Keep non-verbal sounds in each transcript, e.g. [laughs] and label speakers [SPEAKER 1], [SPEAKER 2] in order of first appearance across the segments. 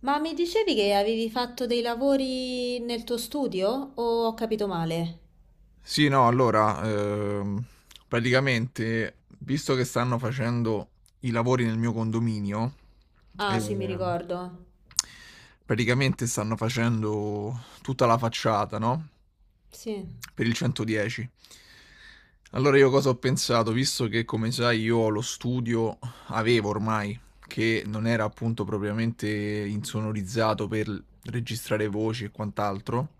[SPEAKER 1] Ma mi dicevi che avevi fatto dei lavori nel tuo studio o ho capito male?
[SPEAKER 2] Sì, no, allora, praticamente, visto che stanno facendo i lavori nel mio condominio,
[SPEAKER 1] Ah, sì, mi
[SPEAKER 2] ehm,
[SPEAKER 1] ricordo.
[SPEAKER 2] praticamente stanno facendo tutta la facciata, no?
[SPEAKER 1] Sì.
[SPEAKER 2] Per il 110. Allora io cosa ho pensato? Visto che, come sai, io ho lo studio, avevo ormai che non era appunto propriamente insonorizzato per registrare voci e quant'altro,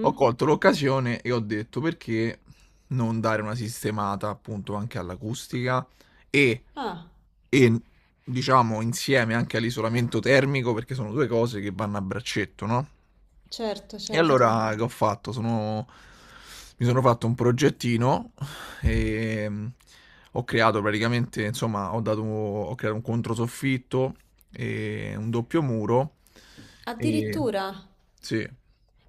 [SPEAKER 2] ho colto l'occasione e ho detto perché non dare una sistemata appunto anche all'acustica e
[SPEAKER 1] Ah,
[SPEAKER 2] e diciamo insieme anche all'isolamento termico perché sono due cose che vanno a braccetto, no?
[SPEAKER 1] certo,
[SPEAKER 2] E
[SPEAKER 1] certo.
[SPEAKER 2] allora che ho fatto? Mi sono fatto un progettino e ho creato praticamente, insomma, ho creato un controsoffitto e un doppio muro e
[SPEAKER 1] Addirittura.
[SPEAKER 2] sì.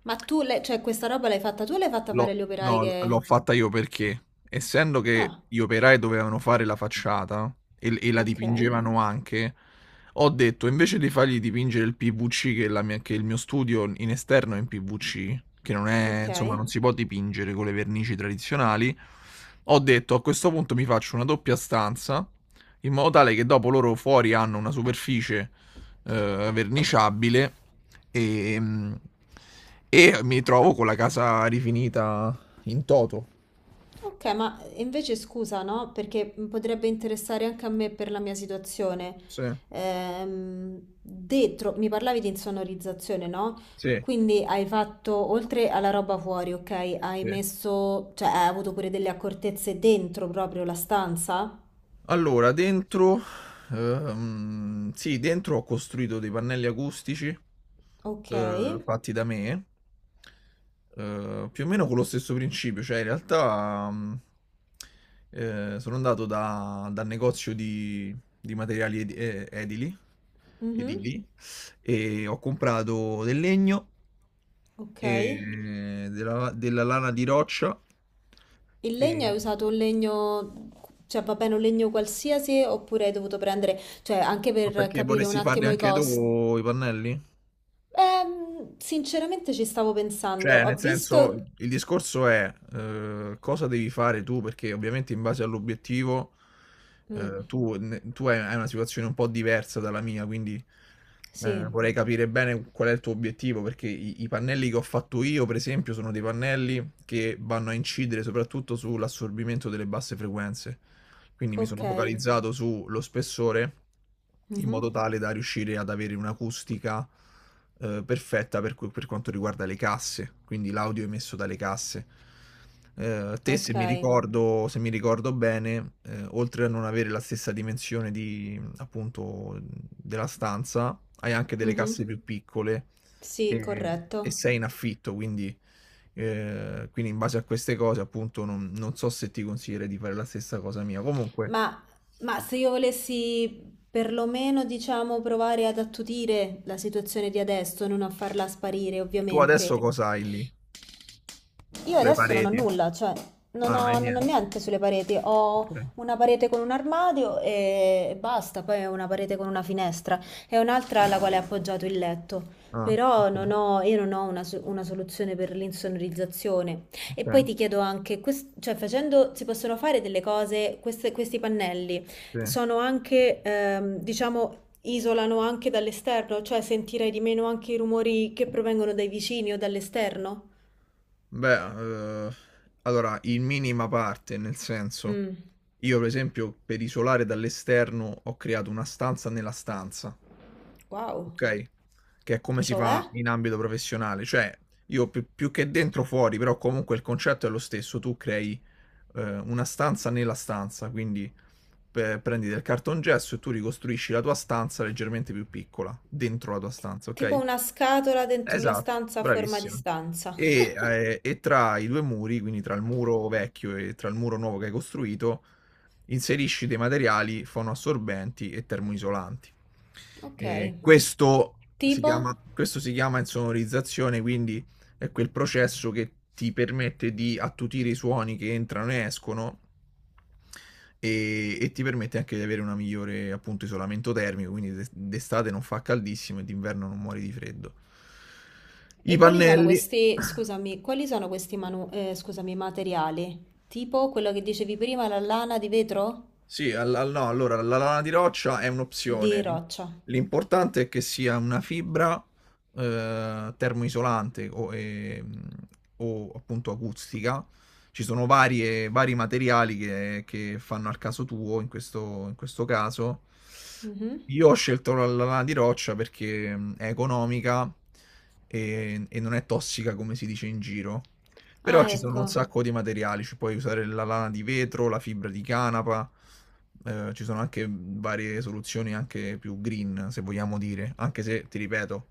[SPEAKER 1] Ma tu, questa roba l'hai fatta tu o l'hai fatta fare
[SPEAKER 2] L'ho
[SPEAKER 1] agli operai
[SPEAKER 2] No, l'ho
[SPEAKER 1] che...
[SPEAKER 2] fatta io perché, essendo che
[SPEAKER 1] Ah,
[SPEAKER 2] gli operai dovevano fare la facciata e la
[SPEAKER 1] ok,
[SPEAKER 2] dipingevano anche, ho detto invece di fargli dipingere il PVC, che, che il mio studio in esterno è in PVC, che non è,
[SPEAKER 1] ok.
[SPEAKER 2] insomma, non si può dipingere con le vernici tradizionali, ho detto a questo punto mi faccio una doppia stanza, in modo tale che dopo loro fuori hanno una superficie verniciabile e, mhmm, e mi trovo con la casa rifinita in toto.
[SPEAKER 1] Ok, ma invece scusa, no? Perché potrebbe interessare anche a me per la mia situazione.
[SPEAKER 2] Sì,
[SPEAKER 1] Dentro, mi parlavi di insonorizzazione, no?
[SPEAKER 2] sì,
[SPEAKER 1] Quindi hai fatto, oltre alla roba fuori, ok? Hai
[SPEAKER 2] sì.
[SPEAKER 1] messo, cioè hai avuto pure delle accortezze dentro proprio la stanza?
[SPEAKER 2] Allora, dentro, sì, dentro ho costruito dei pannelli acustici
[SPEAKER 1] Ok.
[SPEAKER 2] fatti da me, più o meno con lo stesso principio, cioè in realtà sono andato dal negozio di materiali edili,
[SPEAKER 1] Mhm.
[SPEAKER 2] edili e ho comprato del legno
[SPEAKER 1] Ok.
[SPEAKER 2] e della lana di roccia
[SPEAKER 1] Il legno hai
[SPEAKER 2] e
[SPEAKER 1] usato un legno, cioè va bene un legno qualsiasi oppure hai dovuto prendere, cioè anche
[SPEAKER 2] ma
[SPEAKER 1] per
[SPEAKER 2] perché
[SPEAKER 1] capire un
[SPEAKER 2] vorresti farli
[SPEAKER 1] attimo i
[SPEAKER 2] anche
[SPEAKER 1] costi.
[SPEAKER 2] tu i pannelli?
[SPEAKER 1] Sinceramente ci stavo pensando,
[SPEAKER 2] Cioè,
[SPEAKER 1] ho
[SPEAKER 2] nel senso,
[SPEAKER 1] visto...
[SPEAKER 2] il discorso è cosa devi fare tu, perché ovviamente in base all'obiettivo
[SPEAKER 1] Mm,
[SPEAKER 2] tu hai una situazione un po' diversa dalla mia, quindi
[SPEAKER 1] sì,
[SPEAKER 2] vorrei capire bene qual è il tuo obiettivo, perché i pannelli che ho fatto io, per esempio, sono dei pannelli che vanno a incidere soprattutto sull'assorbimento delle basse frequenze. Quindi mi
[SPEAKER 1] ok,
[SPEAKER 2] sono focalizzato sullo spessore in
[SPEAKER 1] mhm,
[SPEAKER 2] modo tale da riuscire ad avere un'acustica perfetta per quanto riguarda le casse, quindi l'audio emesso dalle casse. Te,
[SPEAKER 1] ok,
[SPEAKER 2] se mi ricordo bene, oltre a non avere la stessa dimensione di, appunto, della stanza, hai anche delle casse
[SPEAKER 1] mhm,
[SPEAKER 2] più piccole
[SPEAKER 1] sì,
[SPEAKER 2] e, e
[SPEAKER 1] corretto.
[SPEAKER 2] sei in affitto, quindi in base a queste cose, appunto, non so se ti consiglierei di fare la stessa cosa mia. Comunque,
[SPEAKER 1] Ma, ma se io volessi perlomeno, diciamo, provare ad attutire la situazione di adesso, non a farla sparire,
[SPEAKER 2] tu adesso
[SPEAKER 1] ovviamente,
[SPEAKER 2] cosa hai lì?
[SPEAKER 1] io
[SPEAKER 2] Le
[SPEAKER 1] adesso non ho
[SPEAKER 2] pareti?
[SPEAKER 1] nulla, cioè
[SPEAKER 2] Ah, non hai
[SPEAKER 1] non ho
[SPEAKER 2] niente.
[SPEAKER 1] niente sulle pareti, ho
[SPEAKER 2] Ok.
[SPEAKER 1] una parete con un armadio e basta, poi ho una parete con una finestra e un'altra alla quale è appoggiato il letto.
[SPEAKER 2] Ah,
[SPEAKER 1] Però
[SPEAKER 2] ok.
[SPEAKER 1] non ho, io non ho una, una soluzione per l'insonorizzazione. E
[SPEAKER 2] Okay,
[SPEAKER 1] poi ti chiedo anche, cioè facendo, si possono fare delle cose, questi pannelli
[SPEAKER 2] sì.
[SPEAKER 1] sono anche, diciamo, isolano anche dall'esterno, cioè sentirai di meno anche i rumori che provengono dai vicini o dall'esterno?
[SPEAKER 2] Beh, allora in minima parte, nel senso,
[SPEAKER 1] Mm.
[SPEAKER 2] io per esempio per isolare dall'esterno ho creato una stanza nella stanza,
[SPEAKER 1] Wow,
[SPEAKER 2] okay, che è come si fa,
[SPEAKER 1] cioè?
[SPEAKER 2] okay, in ambito professionale, cioè io più che dentro fuori, però comunque il concetto è lo stesso, tu crei, una stanza nella stanza, quindi pe prendi del cartongesso e tu ricostruisci la tua stanza leggermente più piccola, dentro la tua
[SPEAKER 1] T-
[SPEAKER 2] stanza,
[SPEAKER 1] tipo
[SPEAKER 2] okay?
[SPEAKER 1] una scatola dentro la
[SPEAKER 2] Esatto,
[SPEAKER 1] stanza a forma di
[SPEAKER 2] bravissimo.
[SPEAKER 1] stanza.
[SPEAKER 2] E tra i due muri, quindi tra il muro vecchio e tra il muro nuovo che hai costruito, inserisci dei materiali fonoassorbenti e termoisolanti.
[SPEAKER 1] Ok.
[SPEAKER 2] E questo si
[SPEAKER 1] Tipo?
[SPEAKER 2] chiama, questo si chiama insonorizzazione, quindi è quel processo che ti permette di attutire i suoni che entrano e escono e ti permette anche di avere una migliore appunto isolamento termico, quindi d'estate non fa caldissimo e d'inverno non muori di freddo. I
[SPEAKER 1] E quali sono
[SPEAKER 2] pannelli,
[SPEAKER 1] questi, scusami, quali sono questi scusami, materiali? Tipo quello che dicevi prima, la lana di vetro?
[SPEAKER 2] sì, no, allora la lana di roccia è
[SPEAKER 1] Di
[SPEAKER 2] un'opzione.
[SPEAKER 1] roccia.
[SPEAKER 2] L'importante è che sia una fibra termoisolante o appunto acustica. Ci sono vari materiali che fanno al caso tuo, in questo caso.
[SPEAKER 1] Mhm.
[SPEAKER 2] Io ho scelto la lana di roccia perché è economica e non è tossica come si dice in giro. Però
[SPEAKER 1] Ah,
[SPEAKER 2] ci sono un
[SPEAKER 1] ecco,
[SPEAKER 2] sacco di materiali, ci puoi usare la lana di vetro, la fibra di canapa, ci sono anche varie soluzioni anche più green, se vogliamo dire, anche se, ti ripeto,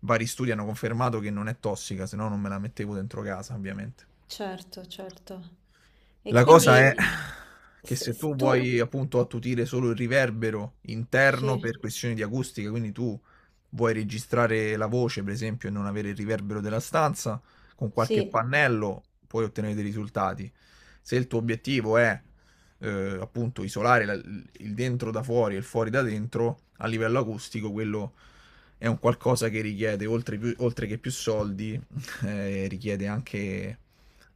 [SPEAKER 2] vari studi hanno confermato che non è tossica, se no non me la mettevo dentro casa, ovviamente.
[SPEAKER 1] certo, certo. E
[SPEAKER 2] La cosa è
[SPEAKER 1] quindi
[SPEAKER 2] [laughs] che se
[SPEAKER 1] se
[SPEAKER 2] tu
[SPEAKER 1] tu...
[SPEAKER 2] vuoi appunto attutire solo il riverbero interno
[SPEAKER 1] Sì,
[SPEAKER 2] per questioni di acustica, quindi tu vuoi registrare la voce, per esempio, e non avere il riverbero della stanza, con qualche
[SPEAKER 1] sì.
[SPEAKER 2] pannello puoi ottenere dei risultati. Se il tuo obiettivo è appunto isolare il dentro da fuori e il fuori da dentro, a livello acustico, quello è un qualcosa che richiede, oltre che più soldi, [laughs] richiede anche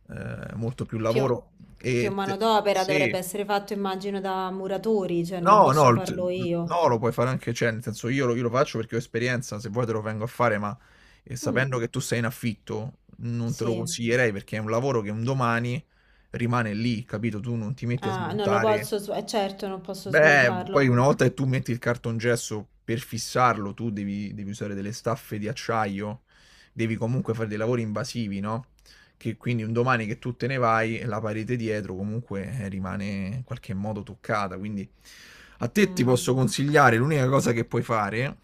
[SPEAKER 2] molto più
[SPEAKER 1] Più,
[SPEAKER 2] lavoro.
[SPEAKER 1] più
[SPEAKER 2] E te-
[SPEAKER 1] manodopera dovrebbe
[SPEAKER 2] sì,
[SPEAKER 1] essere fatto, immagino, da muratori, cioè non
[SPEAKER 2] no, no,
[SPEAKER 1] posso farlo io.
[SPEAKER 2] no, lo puoi fare anche, cioè, nel senso io lo faccio perché ho esperienza, se vuoi te lo vengo a fare, ma
[SPEAKER 1] Mm,
[SPEAKER 2] sapendo che tu sei in affitto, non te lo
[SPEAKER 1] sì.
[SPEAKER 2] consiglierei perché è un lavoro che un domani rimane lì, capito? Tu non ti metti a
[SPEAKER 1] Ah, non lo
[SPEAKER 2] smontare.
[SPEAKER 1] posso, certo, non posso
[SPEAKER 2] Beh, poi
[SPEAKER 1] smontarlo.
[SPEAKER 2] una volta che tu metti il cartongesso per fissarlo, tu devi usare delle staffe di acciaio, devi comunque fare dei lavori invasivi, no? Che quindi un domani che tu te ne vai, la parete dietro comunque rimane in qualche modo toccata. Quindi a te ti
[SPEAKER 1] Mm,
[SPEAKER 2] posso consigliare, l'unica cosa che puoi fare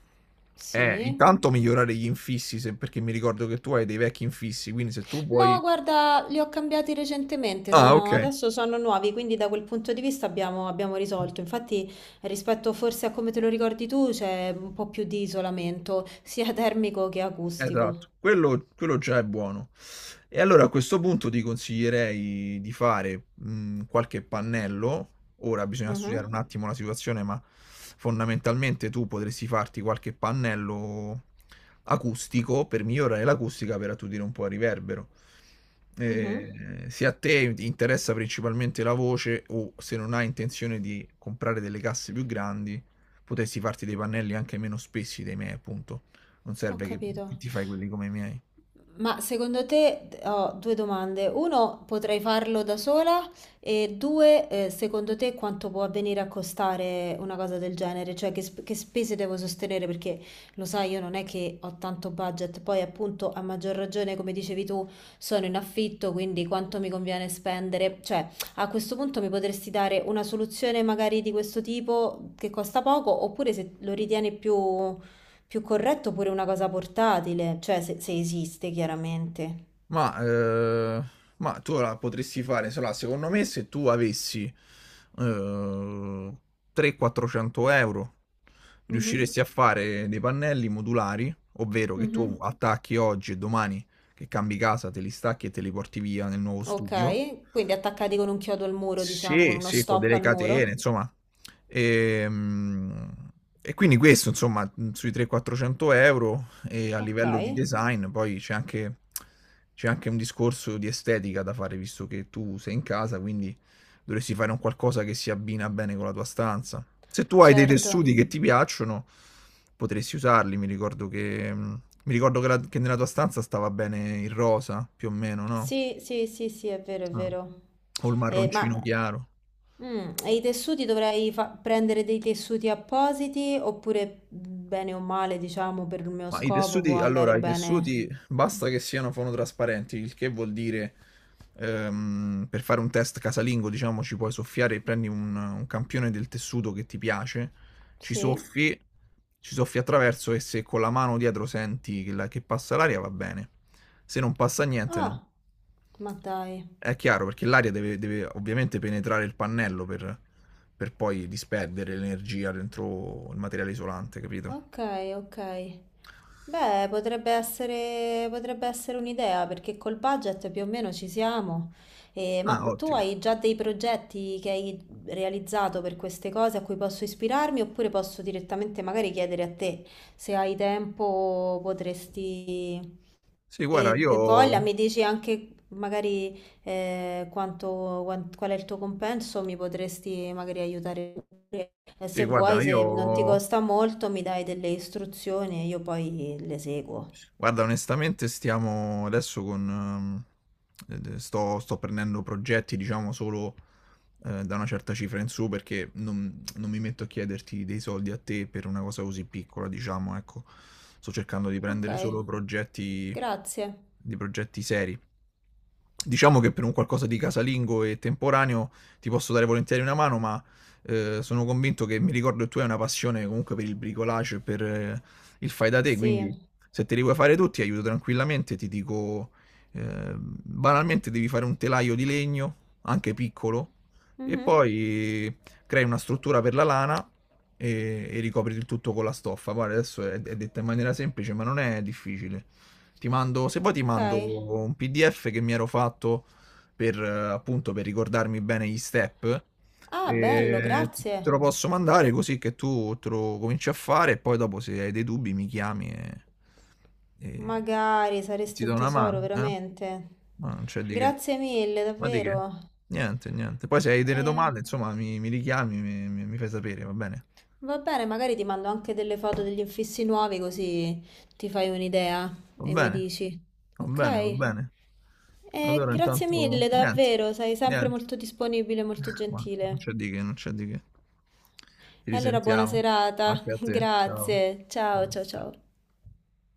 [SPEAKER 2] è
[SPEAKER 1] sì.
[SPEAKER 2] intanto migliorare gli infissi, perché mi ricordo che tu hai dei vecchi infissi, quindi se tu
[SPEAKER 1] No,
[SPEAKER 2] vuoi...
[SPEAKER 1] guarda, li ho cambiati recentemente,
[SPEAKER 2] Ah, ok.
[SPEAKER 1] adesso sono nuovi, quindi da quel punto di vista abbiamo, abbiamo risolto. Infatti, rispetto forse a come te lo ricordi tu, c'è un po' più di isolamento, sia termico che acustico.
[SPEAKER 2] Esatto, quello già è buono. E allora a questo punto ti consiglierei di fare qualche pannello. Ora bisogna studiare
[SPEAKER 1] Mhm,
[SPEAKER 2] un attimo la situazione, ma fondamentalmente tu potresti farti qualche pannello acustico per migliorare l'acustica per attutire un po' il riverbero.
[SPEAKER 1] mhm.
[SPEAKER 2] Eh, se a te ti interessa principalmente la voce o se non hai intenzione di comprare delle casse più grandi, potresti farti dei pannelli anche meno spessi dei miei, appunto non
[SPEAKER 1] Ho
[SPEAKER 2] serve che
[SPEAKER 1] capito.
[SPEAKER 2] ti fai quelli come i miei.
[SPEAKER 1] Ma secondo te ho due domande. Uno, potrei farlo da sola? E due, secondo te quanto può avvenire a costare una cosa del genere? Cioè che, che spese devo sostenere? Perché lo sai, io non è che ho tanto budget. Poi appunto, a maggior ragione, come dicevi tu, sono in affitto, quindi quanto mi conviene spendere? Cioè, a questo punto mi potresti dare una soluzione magari di questo tipo che costa poco, oppure se lo ritieni più corretto pure una cosa portatile, cioè se, se esiste chiaramente.
[SPEAKER 2] Ma, eh, ma tu la potresti fare, insomma, secondo me se tu avessi eh, 300-400 euro,
[SPEAKER 1] Mhm,
[SPEAKER 2] riusciresti a fare dei pannelli modulari, ovvero che tu
[SPEAKER 1] mhm.
[SPEAKER 2] attacchi oggi e domani che cambi casa, te li stacchi e te li porti via nel nuovo studio.
[SPEAKER 1] Ok, quindi attaccati con un chiodo al muro, diciamo, con
[SPEAKER 2] Sì,
[SPEAKER 1] uno
[SPEAKER 2] sì, con
[SPEAKER 1] stop
[SPEAKER 2] delle
[SPEAKER 1] al
[SPEAKER 2] catene,
[SPEAKER 1] muro.
[SPEAKER 2] insomma. Ehm, E, quindi questo, insomma, sui 300-400 euro e a
[SPEAKER 1] Ok,
[SPEAKER 2] livello di design, poi c'è anche un discorso di estetica da fare, visto che tu sei in casa, quindi dovresti fare un qualcosa che si abbina bene con la tua stanza. Se tu hai dei
[SPEAKER 1] certo.
[SPEAKER 2] tessuti che ti piacciono, potresti usarli. Mi ricordo che, che nella tua stanza stava bene il rosa, più o meno, no?
[SPEAKER 1] Sì, sì, sì, sì, è vero, è
[SPEAKER 2] Ah.
[SPEAKER 1] vero.
[SPEAKER 2] O il marroncino
[SPEAKER 1] Ma
[SPEAKER 2] chiaro.
[SPEAKER 1] mm, e i tessuti dovrei prendere dei tessuti appositi oppure bene o male, diciamo, per il mio
[SPEAKER 2] Ma i
[SPEAKER 1] scopo può
[SPEAKER 2] tessuti,
[SPEAKER 1] andare
[SPEAKER 2] allora, i
[SPEAKER 1] bene?
[SPEAKER 2] tessuti basta che siano fonotrasparenti, il che vuol dire per fare un test casalingo, diciamo, ci puoi soffiare, e prendi un campione del tessuto che ti piace, ci
[SPEAKER 1] Sì?
[SPEAKER 2] soffi, ci soffi attraverso e se con la mano dietro senti che, che passa l'aria va bene, se non passa niente
[SPEAKER 1] Ah,
[SPEAKER 2] no.
[SPEAKER 1] ma dai.
[SPEAKER 2] È chiaro perché l'aria deve, deve ovviamente penetrare il pannello per poi disperdere l'energia dentro il materiale isolante, capito?
[SPEAKER 1] Ok, ok. Beh, potrebbe essere un'idea perché col budget più o meno ci siamo. Ma
[SPEAKER 2] Ah,
[SPEAKER 1] tu
[SPEAKER 2] ottimo.
[SPEAKER 1] hai già dei progetti che hai realizzato per queste cose a cui posso ispirarmi oppure posso direttamente magari chiedere a te se hai tempo, potresti
[SPEAKER 2] Sì, guarda,
[SPEAKER 1] e
[SPEAKER 2] io,
[SPEAKER 1] voglia, mi dici anche magari quanto, qual è il tuo compenso, mi potresti magari aiutare pure. E
[SPEAKER 2] sì,
[SPEAKER 1] se
[SPEAKER 2] guarda,
[SPEAKER 1] vuoi, se non ti
[SPEAKER 2] io
[SPEAKER 1] costa molto, mi dai delle istruzioni e io poi le seguo.
[SPEAKER 2] guarda, onestamente sto prendendo progetti, diciamo, solo da una certa cifra in su perché non mi metto a chiederti dei soldi a te per una cosa così piccola, diciamo, ecco. Sto cercando di
[SPEAKER 1] Ok,
[SPEAKER 2] prendere
[SPEAKER 1] grazie.
[SPEAKER 2] di progetti seri. Diciamo che per un qualcosa di casalingo e temporaneo ti posso dare volentieri una mano, ma sono convinto che mi ricordo che tu hai una passione comunque per il bricolage e per, il fai da te, quindi
[SPEAKER 1] Sì.
[SPEAKER 2] se te li vuoi fare tutti, aiuto tranquillamente, ti dico, banalmente devi fare un telaio di legno, anche piccolo, e
[SPEAKER 1] Mhm.
[SPEAKER 2] poi crei una struttura per la lana e ricopri il tutto con la stoffa. Guarda, adesso è detta in maniera semplice, ma non è difficile. Se vuoi ti
[SPEAKER 1] Ok.
[SPEAKER 2] mando un PDF che mi ero fatto per, appunto, per ricordarmi bene gli step
[SPEAKER 1] Ah, bello,
[SPEAKER 2] e te
[SPEAKER 1] grazie.
[SPEAKER 2] lo posso mandare così che tu te lo cominci a fare e poi dopo se hai dei dubbi mi chiami e
[SPEAKER 1] Magari
[SPEAKER 2] ti
[SPEAKER 1] saresti un
[SPEAKER 2] do una
[SPEAKER 1] tesoro,
[SPEAKER 2] mano, eh?
[SPEAKER 1] veramente.
[SPEAKER 2] Ma non c'è di che.
[SPEAKER 1] Grazie mille,
[SPEAKER 2] Ma di che?
[SPEAKER 1] davvero.
[SPEAKER 2] Niente, niente. Poi se hai delle
[SPEAKER 1] E...
[SPEAKER 2] domande, insomma, mi richiami, mi fai sapere, va bene?
[SPEAKER 1] Va bene, magari ti mando anche delle foto degli infissi nuovi così ti fai un'idea
[SPEAKER 2] Va
[SPEAKER 1] e mi
[SPEAKER 2] bene,
[SPEAKER 1] dici.
[SPEAKER 2] va bene, va
[SPEAKER 1] Ok?
[SPEAKER 2] bene. Allora
[SPEAKER 1] Grazie
[SPEAKER 2] intanto
[SPEAKER 1] mille,
[SPEAKER 2] niente,
[SPEAKER 1] davvero, sei sempre
[SPEAKER 2] niente.
[SPEAKER 1] molto disponibile, e molto
[SPEAKER 2] [laughs] Ma non
[SPEAKER 1] gentile.
[SPEAKER 2] c'è di che, non c'è di che. Ci
[SPEAKER 1] E allora buona
[SPEAKER 2] risentiamo.
[SPEAKER 1] serata,
[SPEAKER 2] Anche a
[SPEAKER 1] [laughs]
[SPEAKER 2] te. Ciao.
[SPEAKER 1] grazie, ciao
[SPEAKER 2] Ciao,
[SPEAKER 1] ciao ciao.
[SPEAKER 2] ciao.